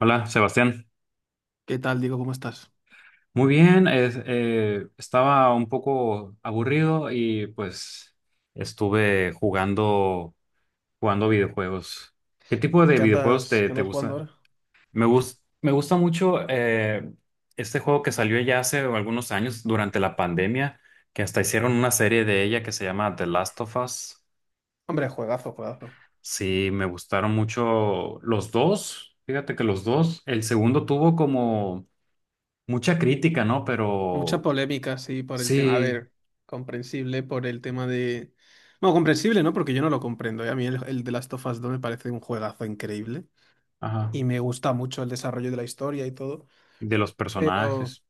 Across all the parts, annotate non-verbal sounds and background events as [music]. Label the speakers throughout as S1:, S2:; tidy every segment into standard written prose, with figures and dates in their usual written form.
S1: Hola, Sebastián.
S2: ¿Qué tal, Diego? ¿Cómo estás?
S1: Muy bien, estaba un poco aburrido y pues estuve jugando, jugando videojuegos. ¿Qué tipo de
S2: ¿Qué
S1: videojuegos
S2: andas, qué
S1: te
S2: andas jugando
S1: gustan?
S2: ahora?
S1: Me gusta mucho este juego que salió ya hace algunos años durante la pandemia, que hasta hicieron una serie de ella que se llama The Last of Us.
S2: Hombre, juegazo, juegazo.
S1: Sí, me gustaron mucho los dos. Fíjate que los dos, el segundo tuvo como mucha crítica, ¿no?
S2: Mucha
S1: Pero
S2: polémica, sí, por el tema. A
S1: sí,
S2: ver, comprensible por el tema de. Bueno, comprensible, ¿no? Porque yo no lo comprendo. ¿Eh? A mí el The Last of Us 2 me parece un juegazo increíble.
S1: ajá.
S2: Y me gusta mucho el desarrollo de la historia y todo.
S1: De los
S2: Pero,
S1: personajes.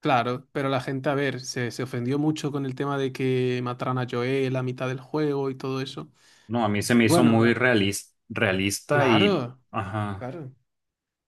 S2: claro, pero la gente, a ver, se ofendió mucho con el tema de que mataran a Joel a mitad del juego y todo eso.
S1: No, a mí se me hizo muy
S2: Bueno,
S1: realista y,
S2: claro,
S1: ajá.
S2: claro.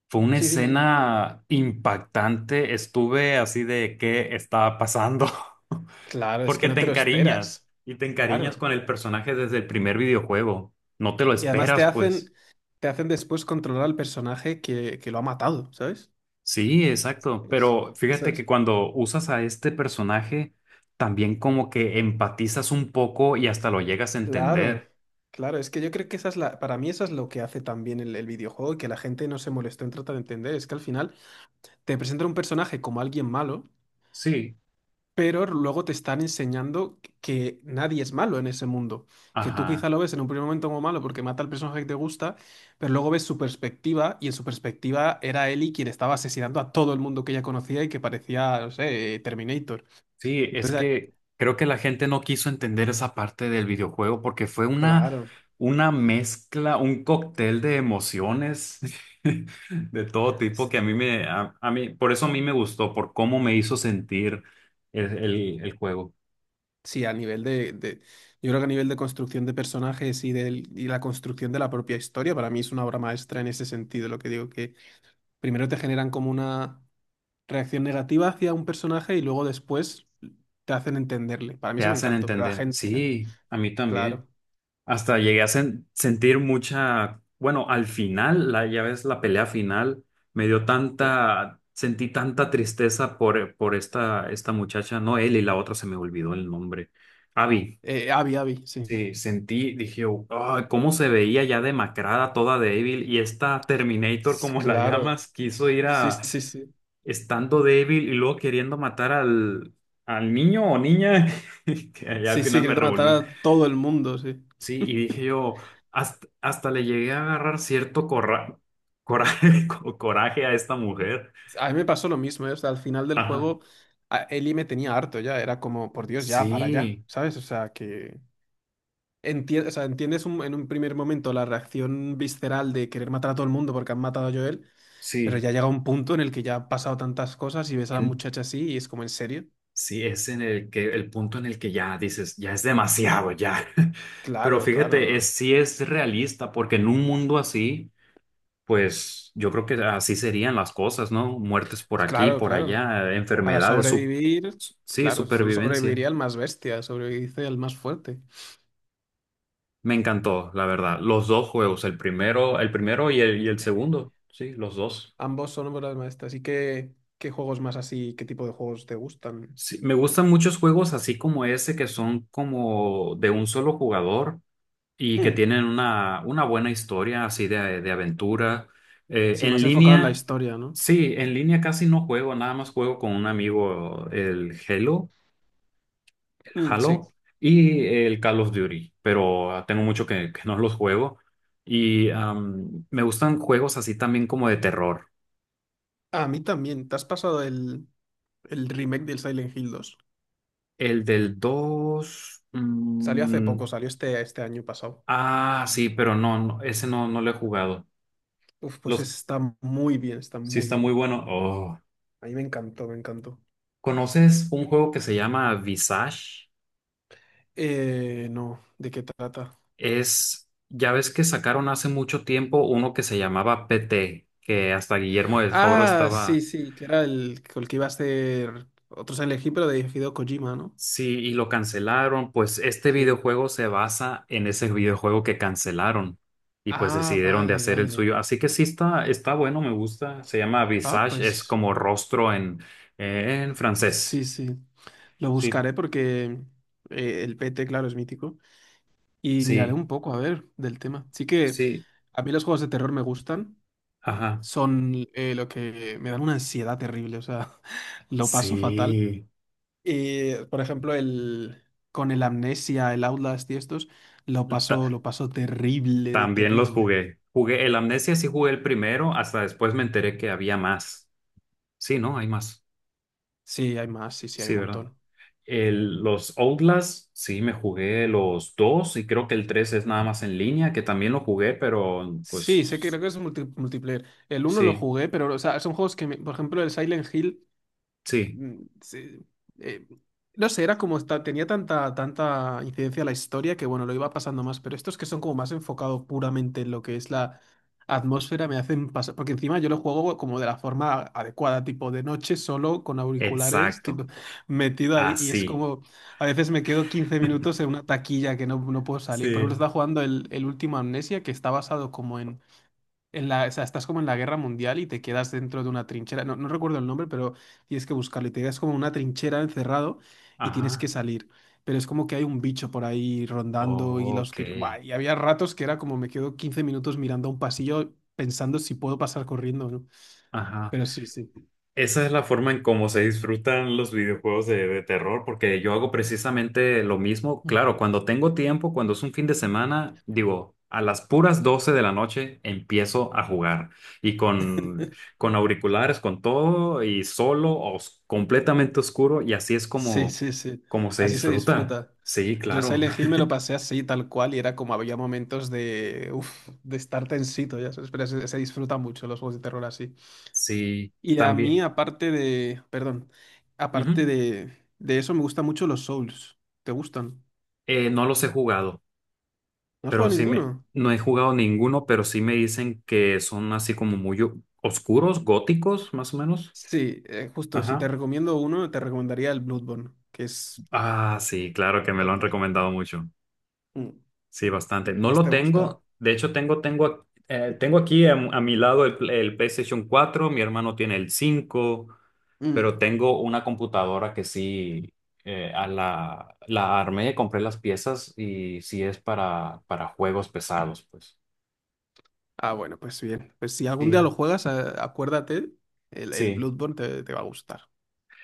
S1: Fue una
S2: Sí, dime, dime.
S1: escena impactante. Estuve así de qué estaba pasando. [laughs]
S2: Claro, es que
S1: Porque
S2: no
S1: te
S2: te lo esperas.
S1: encariñas y te encariñas
S2: Claro,
S1: con el personaje desde el primer videojuego. No te lo
S2: y además
S1: esperas, pues.
S2: te hacen después controlar al personaje que lo ha matado, ¿sabes?
S1: Sí, exacto.
S2: Es-
S1: Pero
S2: eso
S1: fíjate que
S2: es-
S1: cuando usas a este personaje, también como que empatizas un poco y hasta lo llegas a
S2: Claro,
S1: entender.
S2: claro, es que yo creo que esa es la, para mí eso es lo que hace también el videojuego y que la gente no se molestó en tratar de entender, es que al final te presenta un personaje como alguien malo,
S1: Sí,
S2: pero luego te están enseñando que nadie es malo en ese mundo. Que tú quizá
S1: ajá.
S2: lo ves en un primer momento como malo porque mata al personaje que te gusta, pero luego ves su perspectiva y en su perspectiva era Ellie quien estaba asesinando a todo el mundo que ella conocía y que parecía, no sé, Terminator.
S1: Sí, es
S2: Entonces, ah,
S1: que creo que la gente no quiso entender esa parte del videojuego porque fue
S2: claro.
S1: una mezcla, un cóctel de emociones [laughs] de todo tipo
S2: S-
S1: que a mí me, a mí, por eso a mí me gustó, por cómo me hizo sentir el juego.
S2: Sí, a nivel yo creo que a nivel de construcción de personajes y la construcción de la propia historia, para mí es una obra maestra en ese sentido. Lo que digo que primero te generan como una reacción negativa hacia un personaje y luego después te hacen entenderle. Para mí
S1: Te
S2: eso me
S1: hacen
S2: encantó, pero la
S1: entender.
S2: gente,
S1: Sí, a mí también.
S2: claro.
S1: Hasta llegué a sentir mucha, bueno, al final, la, ya ves, la pelea final, me dio tanta, sentí tanta tristeza por esta muchacha, no él y la otra, se me olvidó el nombre. Abby,
S2: Abby, Abby, sí.
S1: sí, sentí, dije, "Oh, "Ay, cómo se veía ya demacrada, toda débil, y esta Terminator, como la
S2: Claro.
S1: llamas, quiso ir
S2: Sí,
S1: a,
S2: sí, sí.
S1: estando débil y luego queriendo matar al niño o niña, [laughs] que ya al
S2: Sí, sí,
S1: final me
S2: queriendo matar
S1: revolvió.
S2: a todo el mundo, sí.
S1: Sí, y dije
S2: [laughs]
S1: yo, hasta le llegué a agarrar cierto coraje, [laughs] coraje a esta mujer.
S2: A mí me pasó lo mismo, ¿eh? O sea, al final del
S1: Ajá.
S2: juego, Ellie me tenía harto ya. Era como, por Dios, ya, para allá,
S1: Sí,
S2: ¿sabes? O sea, que... o sea, en un primer momento la reacción visceral de querer matar a todo el mundo porque han matado a Joel, pero
S1: sí.
S2: ya llega un punto en el que ya han pasado tantas cosas y ves a la
S1: En-
S2: muchacha así y es como, ¿en serio?
S1: sí, es en el que el punto en el que ya dices, ya es demasiado, ya. [laughs] Pero
S2: Claro, claro,
S1: fíjate,
S2: no.
S1: es, sí es realista, porque en un mundo así, pues yo creo que así serían las cosas, ¿no? Muertes por aquí,
S2: Claro,
S1: por
S2: claro.
S1: allá,
S2: Para
S1: enfermedades,
S2: sobrevivir,
S1: sí,
S2: claro, solo
S1: supervivencia.
S2: sobreviviría el más bestia, sobrevive el más fuerte.
S1: Me encantó, la verdad. Los dos juegos, el primero y el
S2: Eh,
S1: segundo. Sí, los dos.
S2: Ambos son obras maestras. ¿Y qué, qué juegos más así, qué tipo de juegos te gustan?
S1: Sí, me gustan muchos juegos así como ese que son como de un solo jugador y que
S2: Hmm,
S1: tienen una buena historia así de aventura.
S2: sí,
S1: En
S2: más enfocado en la
S1: línea,
S2: historia, ¿no?
S1: sí, en línea casi no juego, nada más juego con un amigo el Halo, el
S2: Hmm, sí.
S1: Halo y el Call of Duty, pero ah, tengo mucho que no los juego. Y me gustan juegos así también como de terror.
S2: A mí también. ¿Te has pasado el remake del Silent Hill dos?
S1: El del 2
S2: Salió hace poco, salió este, este año pasado.
S1: sí, pero no, no, ese no, no lo he jugado.
S2: Uf, pues
S1: Los,
S2: está muy bien, está
S1: sí
S2: muy
S1: está muy
S2: bien.
S1: bueno. Oh.
S2: A mí me encantó, me encantó.
S1: ¿Conoces un juego que se llama Visage?
S2: No, ¿de qué trata?
S1: Ya ves que sacaron hace mucho tiempo uno que se llamaba PT, que hasta Guillermo del Toro
S2: Ah, sí,
S1: estaba.
S2: sí, que era el que iba a ser otro Silent Hill, pero de Hideo Kojima, ¿no?
S1: Sí, y lo cancelaron. Pues este
S2: Sí.
S1: videojuego se basa en ese videojuego que cancelaron y pues
S2: Ah,
S1: decidieron de
S2: vale,
S1: hacer el
S2: vale.
S1: suyo. Así que sí está, bueno, me gusta. Se llama
S2: Ah,
S1: Visage, es
S2: pues
S1: como rostro en francés.
S2: sí, sí. Lo
S1: Sí,
S2: buscaré porque el P T claro, es mítico. Y miraré
S1: sí,
S2: un poco, a ver, del tema. Sí que
S1: sí,
S2: a mí los juegos de terror me gustan.
S1: ajá.
S2: Son lo que me dan una ansiedad terrible, o sea, [laughs] lo paso fatal.
S1: Sí,
S2: Y, por ejemplo, con el Amnesia, el Outlast y estos,
S1: Ta-
S2: lo paso terrible, de
S1: también los
S2: terrible.
S1: jugué. Jugué el Amnesia, sí jugué el primero, hasta después me enteré que había más. Sí, ¿no? Hay más.
S2: Sí, hay más, sí, sí, hay
S1: Sí,
S2: un
S1: ¿verdad?
S2: montón.
S1: Los Outlast, sí, me jugué los dos y creo que el 3 es nada más en línea, que también lo jugué, pero
S2: Sí, sé que
S1: pues
S2: creo que es multiplayer. El uno lo
S1: sí,
S2: jugué, pero, o sea, son juegos que, por ejemplo, el Silent Hill
S1: sí,
S2: mm, sí, eh, no sé, era como tenía tanta, tanta incidencia la historia que bueno, lo iba pasando más, pero estos que son como más enfocados puramente en lo que es la atmósfera me hacen pasar, porque encima yo lo juego como de la forma adecuada, tipo de noche solo con auriculares,
S1: exacto,
S2: tipo, metido ahí y es
S1: así,
S2: como, a veces me quedo 15 minutos en una taquilla que no, no puedo salir. Por ejemplo,
S1: sí,
S2: estaba jugando el último Amnesia que está basado como en la, o sea, estás como en la guerra mundial y te quedas dentro de una trinchera. No, no recuerdo el nombre, pero tienes que buscarlo. Y te quedas como en una trinchera encerrado y tienes
S1: ajá,
S2: que salir. Pero es como que hay un bicho por ahí rondando y la
S1: ok,
S2: oscuridad. Buah, y había ratos que era como me quedo 15 minutos mirando a un pasillo pensando si puedo pasar corriendo o no.
S1: ajá.
S2: Pero sí, sí.
S1: Esa es la forma en cómo se disfrutan los videojuegos de terror, porque yo hago precisamente lo mismo.
S2: Mm.
S1: Claro, cuando tengo tiempo, cuando es un fin de semana, digo, a las puras 12 de la noche empiezo a jugar. Y con auriculares, con todo, y solo, completamente oscuro, y así es
S2: Sí, sí, sí.
S1: como se
S2: Así se
S1: disfruta.
S2: disfruta.
S1: Sí,
S2: Yo el
S1: claro.
S2: Silent Hill me lo pasé así, tal cual, y era como había momentos de, uf, de estar tensito, ya sabes, pero se disfruta mucho los juegos de terror así.
S1: Sí,
S2: Y a mí,
S1: también.
S2: aparte de, perdón,
S1: Ujú.
S2: aparte de eso, me gustan mucho los Souls. ¿Te gustan?
S1: No los he jugado.
S2: ¿No has
S1: Pero
S2: jugado ninguno?
S1: no he jugado ninguno, pero sí me dicen que son así como muy oscuros, góticos, más o menos.
S2: Sí, justo, si te
S1: Ajá.
S2: recomiendo uno, te recomendaría el Bloodborne, que es
S1: Ah, sí, claro que me lo han
S2: total.
S1: recomendado mucho.
S2: Mm.
S1: Sí, bastante.
S2: ¿Y qué
S1: No
S2: más
S1: lo
S2: te gusta?
S1: tengo. De hecho, tengo aquí a mi lado el, el PlayStation 4, mi hermano tiene el 5,
S2: Mm.
S1: pero tengo una computadora que sí la armé, compré las piezas y sí es para juegos pesados, pues.
S2: Ah, bueno, pues bien. Pues si algún día lo
S1: Sí,
S2: juegas, acuérdate, el
S1: sí.
S2: Bloodborne te va a gustar.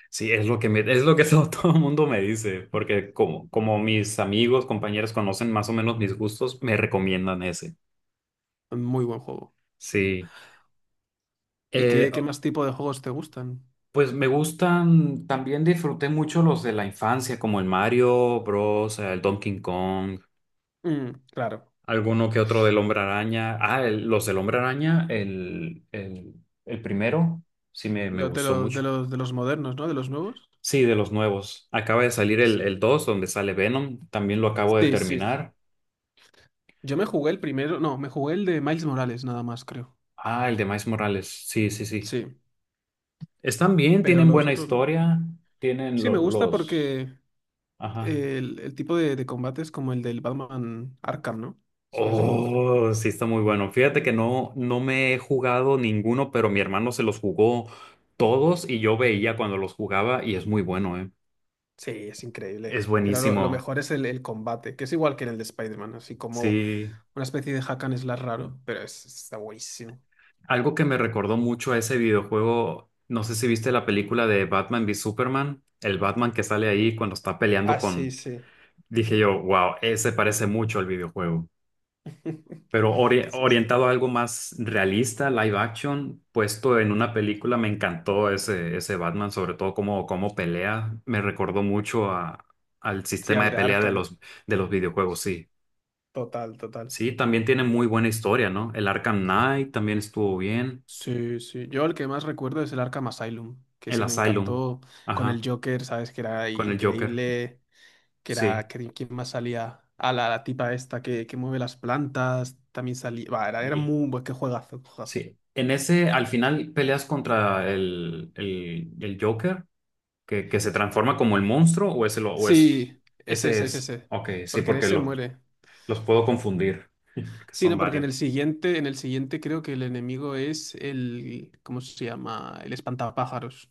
S1: Sí, es lo que es lo que [laughs] todo el mundo me dice, porque como, mis amigos, compañeros conocen más o menos mis gustos, me recomiendan ese.
S2: Muy buen juego.
S1: Sí.
S2: ¿Y
S1: Eh,
S2: qué, qué más tipo de juegos te gustan?
S1: pues me gustan, también disfruté mucho los de la infancia, como el Mario Bros, el Donkey Kong,
S2: Mm, claro.
S1: alguno que otro del Hombre Araña. Ah, los del Hombre Araña, el primero, sí me
S2: Los de
S1: gustó
S2: los, de
S1: mucho.
S2: los, de los modernos, ¿no? De los nuevos.
S1: Sí, de los nuevos. Acaba de salir el,
S2: Sí.
S1: 2 donde sale Venom, también lo acabo de
S2: Sí, sí, sí.
S1: terminar.
S2: Yo me jugué el primero, no, me jugué el de Miles Morales nada más, creo.
S1: Ah, el de Miles Morales. Sí, sí, sí.
S2: Sí,
S1: Están bien,
S2: pero
S1: tienen
S2: los
S1: buena
S2: otros no.
S1: historia, tienen
S2: Sí, me gusta
S1: los...
S2: porque
S1: Ajá.
S2: el tipo de combate es como el del Batman Arkham, ¿no? Eso por eso me gusta.
S1: Oh, sí, está muy bueno. Fíjate que no, me he jugado ninguno, pero mi hermano se los jugó todos y yo veía cuando los jugaba y es muy bueno, ¿eh?
S2: Sí, es
S1: Es
S2: increíble. Pero lo
S1: buenísimo.
S2: mejor es el combate, que es igual que en el de Spider-Man, así como
S1: Sí.
S2: una especie de hack and slash raro, pero es, está buenísimo.
S1: Algo que me recordó mucho a ese videojuego, no sé si viste la película de Batman v Superman, el Batman que sale ahí cuando está peleando
S2: Ah, sí,
S1: con...
S2: sí.
S1: Dije yo, wow, ese parece mucho al videojuego.
S2: [laughs]
S1: Pero
S2: Sí, sí.
S1: orientado a algo más realista, live action, puesto en una película, me encantó ese Batman, sobre todo cómo, pelea, me recordó mucho al
S2: Sí,
S1: sistema
S2: al
S1: de
S2: de
S1: pelea de
S2: Arkham.
S1: los, videojuegos, sí.
S2: Total, total.
S1: Sí, también tiene muy buena historia, ¿no? El Arkham Knight también estuvo bien,
S2: Sí, sí. Yo el que más recuerdo es el Arkham Asylum, que
S1: el
S2: se me
S1: Asylum,
S2: encantó con el
S1: ajá,
S2: Joker, ¿sabes? Que era
S1: con el Joker,
S2: increíble, que era
S1: sí.
S2: que, quién más salía a la, la tipa esta que mueve las plantas, también salía, va, era, era
S1: Y-
S2: muy buen, qué juegazo, juegazo.
S1: Sí, en ese al final peleas contra el Joker que se transforma como el monstruo o ese, lo, o es,
S2: Sí, ese,
S1: ese
S2: ese, ese,
S1: es.
S2: ese,
S1: Ok, sí,
S2: porque en
S1: porque
S2: ese
S1: los,
S2: muere.
S1: puedo confundir, porque
S2: Sí,
S1: son
S2: no, porque
S1: varios.
S2: en el siguiente creo que el enemigo es el, ¿cómo se llama? El espantapájaros,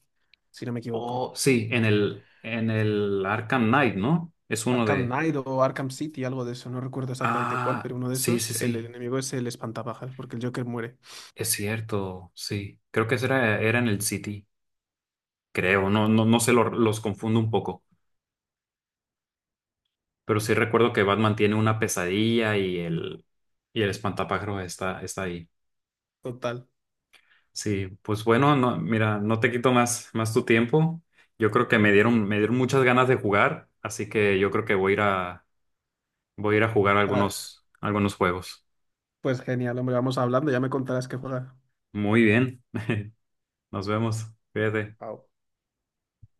S2: si no me equivoco.
S1: Oh, sí, en el, Arkham Knight, ¿no? Es uno
S2: Arkham
S1: de...
S2: Knight o Arkham City, algo de eso, no recuerdo exactamente cuál,
S1: Ah,
S2: pero uno de
S1: sí, sí,
S2: esos, el
S1: sí,
S2: enemigo es el espantapájaros, porque el Joker muere.
S1: es cierto, sí. Creo que ese era en el City, creo, no, no, no sé, los confundo un poco, pero sí recuerdo que Batman tiene una pesadilla y el espantapájaros está ahí.
S2: Total.
S1: Sí, pues bueno, no, mira, no te quito más tu tiempo. Yo creo que me dieron muchas ganas de jugar, así que yo creo que voy a ir a jugar
S2: Ah,
S1: algunos juegos.
S2: pues genial, hombre, vamos hablando, ya me contarás qué juega.
S1: Muy bien, nos vemos. Cuídate.
S2: Au.